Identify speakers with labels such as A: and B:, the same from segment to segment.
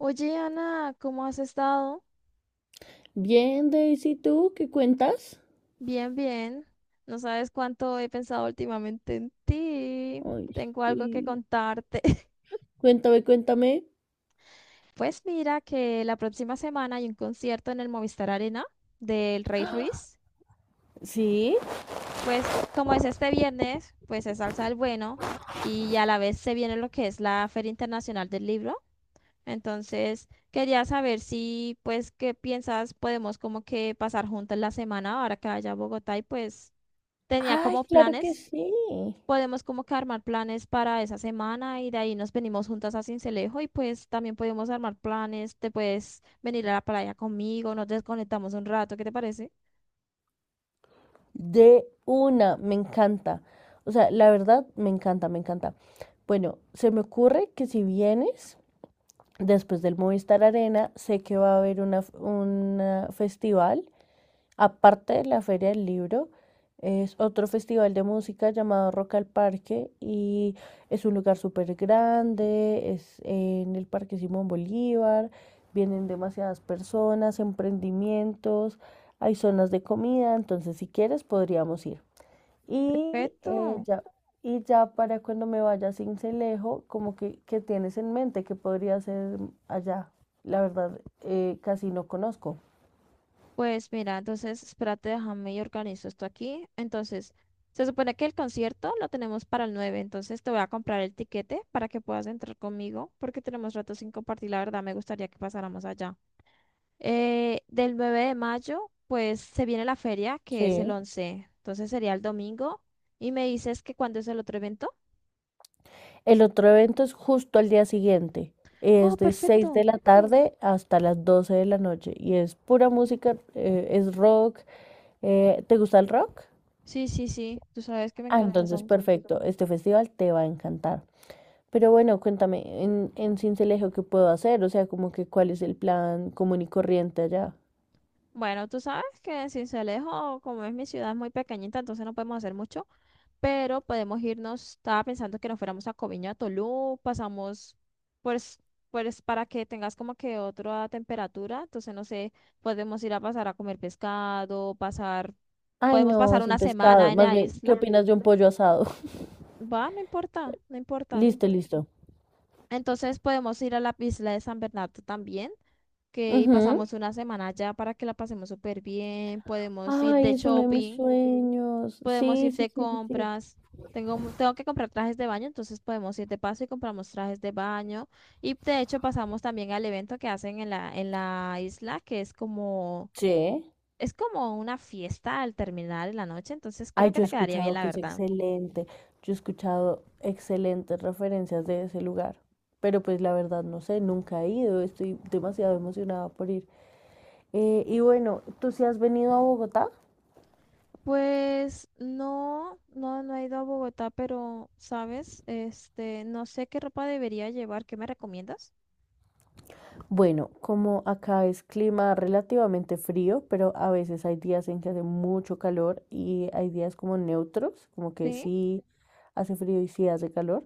A: Oye, Ana, ¿cómo has estado?
B: Bien, Daisy, ¿tú qué cuentas?
A: Bien, bien. No sabes cuánto he pensado últimamente en ti.
B: Ay,
A: Tengo algo que
B: sí.
A: contarte.
B: Cuéntame, cuéntame.
A: Pues mira que la próxima semana hay un concierto en el Movistar Arena del Rey Ruiz.
B: ¿Sí?
A: Pues como es este viernes, pues es Salsa del Bueno y a la vez se viene lo que es la Feria Internacional del Libro. Entonces quería saber si, pues, ¿qué piensas? Podemos como que pasar juntas la semana ahora que vaya a Bogotá y pues tenía
B: Ay,
A: como
B: claro que
A: planes,
B: sí.
A: podemos como que armar planes para esa semana y de ahí nos venimos juntas a Sincelejo y pues también podemos armar planes, te puedes venir a la playa conmigo, nos desconectamos un rato, ¿qué te parece?
B: De una, me encanta. O sea, la verdad, me encanta, me encanta. Bueno, se me ocurre que si vienes después del Movistar Arena, sé que va a haber un festival aparte de la Feria del Libro, es otro festival de música llamado Rock al Parque y es un lugar súper grande, es en el Parque Simón Bolívar, vienen demasiadas personas, emprendimientos, hay zonas de comida, entonces si quieres podríamos ir. Y eh,
A: Perfecto.
B: ya, y ya para cuando me vaya a Cincelejo, como que, ¿qué tienes en mente que podría ser allá? La verdad, casi no conozco.
A: Pues mira, entonces espérate, déjame y organizo esto aquí. Entonces, se supone que el concierto lo tenemos para el 9, entonces te voy a comprar el tiquete para que puedas entrar conmigo porque tenemos rato sin compartir, la verdad me gustaría que pasáramos allá. Del 9 de mayo, pues se viene la feria, que es el
B: Sí.
A: 11, entonces sería el domingo. Y me dices que cuándo es el otro evento.
B: El otro evento es justo al día siguiente.
A: Oh,
B: Es de 6 de
A: perfecto.
B: la tarde hasta las 12 de la noche y es pura música, es rock. ¿te gusta el rock?
A: Sí, sí, sí, tú sabes que me
B: Ah,
A: encanta
B: entonces
A: Sams.
B: perfecto, este festival te va a encantar. Pero bueno, cuéntame, en Sincelejo, ¿qué puedo hacer? O sea, como que cuál es el plan común y corriente allá.
A: Bueno, tú sabes que en Sincelejo, como es mi ciudad, es muy pequeñita, entonces no podemos hacer mucho. Pero podemos irnos, estaba pensando que nos fuéramos a Coviña, a Tolú, pasamos pues, pues para que tengas como que otra temperatura, entonces no sé, podemos ir a pasar a comer pescado, pasar,
B: Ay,
A: podemos
B: no,
A: pasar
B: sin
A: una
B: pescado.
A: semana en
B: Más
A: la
B: bien, ¿qué
A: isla,
B: opinas de un pollo asado?
A: va, no importa, no importa.
B: Listo, listo.
A: Entonces podemos ir a la isla de San Bernardo también, que y
B: Ujú.
A: pasamos una semana allá para que la pasemos súper bien, podemos ir de
B: Ay, es uno de mis
A: shopping.
B: sueños.
A: Podemos
B: Sí,
A: ir
B: sí,
A: de
B: sí, sí. Sí.
A: compras. Tengo, tengo que comprar trajes de baño, entonces podemos ir de paso y compramos trajes de baño. Y de hecho pasamos también al evento que hacen en la isla, que
B: Sí.
A: es como una fiesta al terminar en la noche, entonces
B: Ay,
A: creo que
B: yo he
A: te quedaría bien,
B: escuchado
A: la
B: que es
A: verdad.
B: excelente, yo he escuchado excelentes referencias de ese lugar, pero pues la verdad no sé, nunca he ido, estoy demasiado emocionada por ir. Y bueno, ¿tú sí has venido a Bogotá?
A: Pues no, no, no he ido a Bogotá, pero, ¿sabes? Este, no sé qué ropa debería llevar, ¿qué me recomiendas?
B: Bueno, como acá es clima relativamente frío, pero a veces hay días en que hace mucho calor y hay días como neutros, como que
A: Sí,
B: sí hace frío y sí hace calor.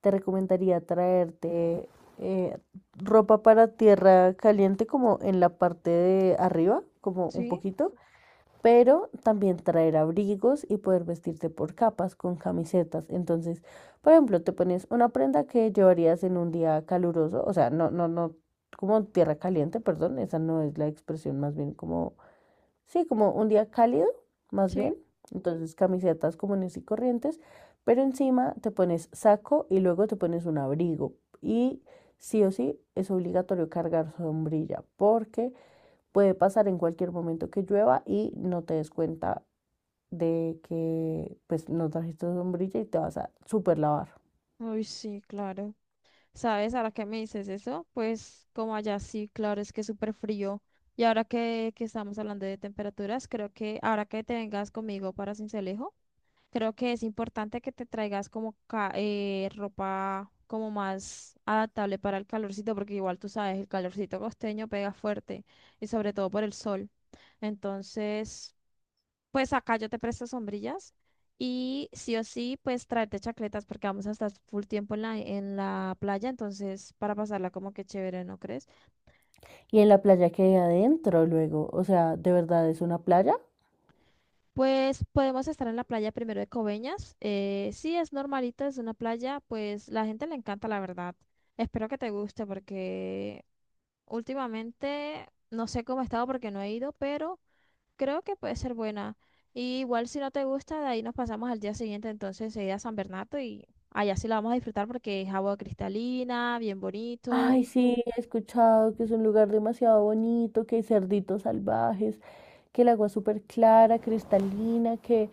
B: Te recomendaría traerte eh, ropa para tierra caliente como en la parte de arriba, como un
A: sí,
B: poquito, pero también traer abrigos y poder vestirte por capas con camisetas. Entonces, por ejemplo, te pones una prenda que llevarías en un día caluroso, o sea, no, no, no, como tierra caliente, perdón, esa no es la expresión, más bien como sí, como un día cálido, más
A: sí.
B: bien. Entonces camisetas comunes y corrientes, pero encima te pones saco y luego te pones un abrigo. Y sí o sí es obligatorio cargar sombrilla porque puede pasar en cualquier momento que llueva y no te des cuenta de que pues no trajiste sombrilla y te vas a super lavar.
A: Uy, sí, claro. ¿Sabes? Ahora que me dices eso, pues como allá sí, claro, es que es súper frío. Y ahora que estamos hablando de temperaturas, creo que ahora que te vengas conmigo para Sincelejo, creo que es importante que te traigas como ropa como más adaptable para el calorcito, porque igual tú sabes, el calorcito costeño pega fuerte y sobre todo por el sol. Entonces, pues acá yo te presto sombrillas y sí o sí, pues tráete chacletas porque vamos a estar full tiempo en la playa, entonces para pasarla como que chévere, ¿no crees?
B: Y en la playa que hay adentro luego, o sea, ¿de verdad es una playa?
A: Pues podemos estar en la playa primero de Coveñas. Sí, es normalito, es una playa, pues la gente le encanta, la verdad. Espero que te guste porque últimamente no sé cómo he estado porque no he ido, pero creo que puede ser buena. Y igual si no te gusta, de ahí nos pasamos al día siguiente, entonces se irá a San Bernardo y allá sí la vamos a disfrutar porque es agua cristalina, bien bonito,
B: Ay, sí, he escuchado que es un lugar demasiado bonito, que hay cerditos salvajes, que el agua es súper clara, cristalina, que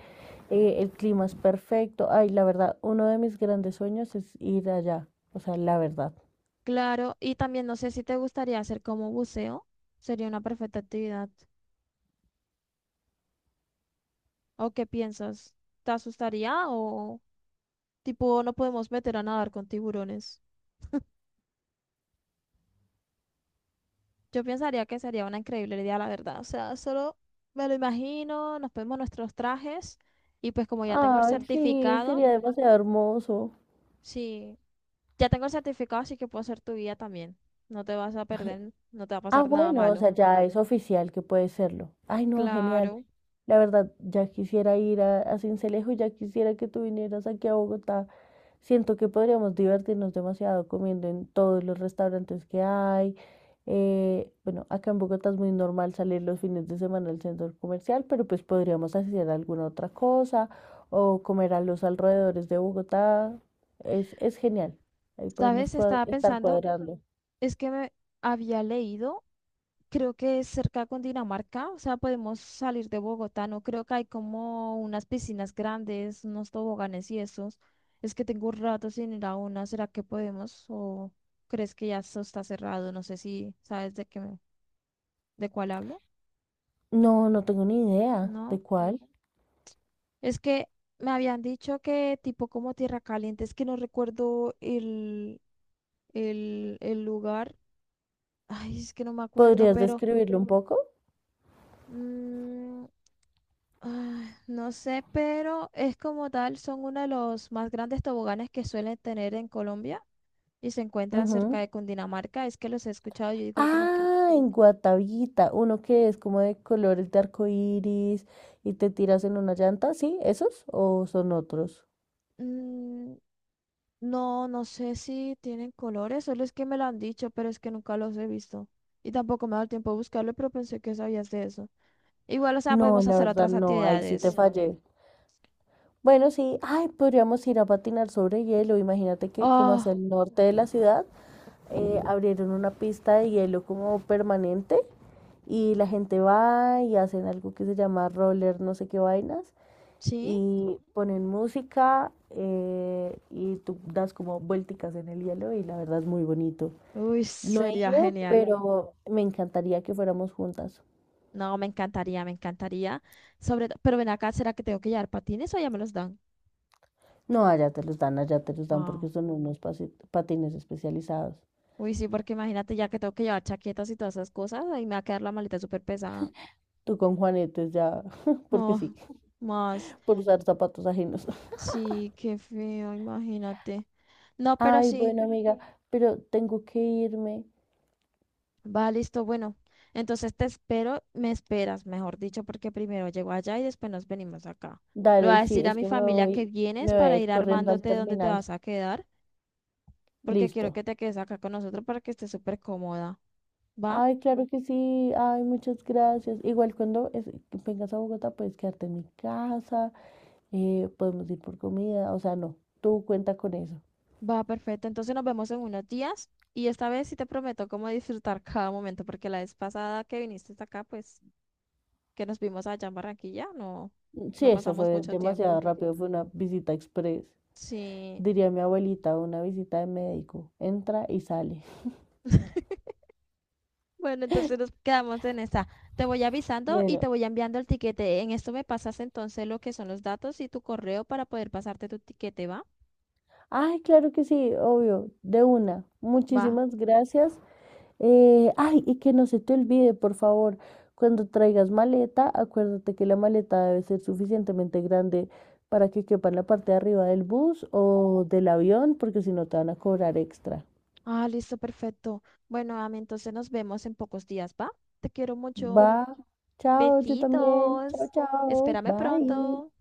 B: el clima es perfecto. Ay, la verdad, uno de mis grandes sueños es ir allá, o sea, la verdad.
A: claro. Y también no sé si te gustaría hacer como buceo, sería una perfecta actividad. ¿O qué piensas? ¿Te asustaría o tipo no podemos meter a nadar con tiburones? Yo pensaría que sería una increíble idea, la verdad. O sea, solo me lo imagino, nos ponemos nuestros trajes y pues como ya tengo el
B: Ay, sí,
A: certificado.
B: sería demasiado hermoso.
A: Sí, ya tengo el certificado, así que puedo ser tu guía también. No te vas a perder, no te va a
B: Ah,
A: pasar nada
B: bueno, o
A: malo.
B: sea, ya es oficial que puede serlo. Ay, no, genial.
A: Claro.
B: La verdad, ya quisiera ir a Sincelejo, ya quisiera que tú vinieras aquí a Bogotá. Siento que podríamos divertirnos demasiado comiendo en todos los restaurantes que hay. Bueno, acá en Bogotá es muy normal salir los fines de semana al centro comercial, pero pues podríamos hacer alguna otra cosa o comer a los alrededores de Bogotá. Es genial. Ahí podemos
A: ¿Sabes? Estaba
B: estar
A: pensando,
B: cuadrando.
A: es que me había leído, creo que es cerca con Dinamarca, o sea, podemos salir de Bogotá, no creo que hay como unas piscinas grandes, unos toboganes y esos. Es que tengo un rato sin ir a una, ¿será que podemos? ¿O crees que ya eso está cerrado? No sé si sabes de qué, de cuál hablo.
B: No, no tengo ni idea
A: No.
B: de cuál.
A: Es que me habían dicho que tipo como Tierra Caliente, es que no recuerdo el lugar. Ay, es que no me acuerdo,
B: ¿Podrías
A: pero
B: describirlo un poco?
A: mm, no sé, pero es como tal, son uno de los más grandes toboganes que suelen tener en Colombia y se encuentran cerca de Cundinamarca. Es que los he escuchado, yo digo como que
B: Ah, en Guatavita, uno que es como de colores de arco iris y te tiras en una llanta, ¿sí? ¿Esos o son otros?
A: mm, no, no sé si tienen colores, solo es que me lo han dicho, pero es que nunca los he visto. Y tampoco me ha dado tiempo de buscarlo, pero pensé que sabías de eso. Igual, o sea,
B: No,
A: podemos
B: la
A: hacer
B: verdad
A: otras
B: no, ahí sí te
A: actividades.
B: fallé. Bueno, sí, ay, podríamos ir a patinar sobre hielo. Imagínate que como hacia
A: Oh,
B: el norte de la ciudad abrieron una pista de hielo como permanente y la gente va y hacen algo que se llama roller, no sé qué vainas.
A: ¿sí?
B: Y ponen música y tú das como vuelticas en el hielo y la verdad es muy bonito.
A: Uy,
B: No he
A: sería
B: ido,
A: genial.
B: pero me encantaría que fuéramos juntas.
A: No, me encantaría, me encantaría. Pero ven acá, ¿será que tengo que llevar patines o ya me los dan?
B: No, allá te los dan, allá te los dan
A: Ah,
B: porque son unos patines especializados.
A: uy, sí, porque imagínate ya que tengo que llevar chaquetas y todas esas cosas, ahí me va a quedar la maleta súper pesada.
B: Tú con Juanetes ya, porque
A: Oh,
B: sí,
A: más.
B: por usar zapatos ajenos.
A: Sí, qué feo, imagínate. No, pero
B: Ay,
A: sí.
B: bueno, amiga, pero tengo que irme.
A: Va, listo, bueno. Entonces te espero, me esperas, mejor dicho, porque primero llego allá y después nos venimos acá. Le voy
B: Dale,
A: a
B: sí,
A: decir a
B: es
A: mi
B: que
A: familia que vienes
B: me voy a
A: para
B: ir
A: ir
B: corriendo al
A: armándote dónde te
B: terminal.
A: vas a quedar, porque quiero
B: Listo.
A: que te quedes acá con nosotros para que estés súper cómoda. Va,
B: Ay, claro que sí. Ay, muchas gracias. Igual cuando vengas a Bogotá puedes quedarte en mi casa, podemos ir por comida. O sea, no, tú cuenta con eso.
A: va, perfecto. Entonces nos vemos en unos días y esta vez sí te prometo cómo disfrutar cada momento, porque la vez pasada que viniste hasta acá, pues que nos vimos allá en Barranquilla, no,
B: Sí,
A: no
B: eso
A: pasamos
B: fue
A: mucho
B: demasiado
A: tiempo.
B: rápido, fue una visita express.
A: Sí.
B: Diría mi abuelita, una visita de médico. Entra y sale.
A: Bueno, entonces nos quedamos en esa. Te voy avisando y te
B: Bueno,
A: voy enviando el tiquete. En esto me pasas entonces lo que son los datos y tu correo para poder pasarte tu tiquete, ¿va?
B: ay, claro que sí, obvio, de una.
A: Va.
B: Muchísimas gracias. Ay, y que no se te olvide, por favor, cuando traigas maleta, acuérdate que la maleta debe ser suficientemente grande para que quepa en la parte de arriba del bus o del avión, porque si no te van a cobrar extra.
A: Ah, listo, perfecto. Bueno, Ami, entonces nos vemos en pocos días, ¿va? Te quiero mucho.
B: Va, chao, yo también. Chao,
A: Besitos.
B: chao,
A: Espérame
B: bye.
A: pronto.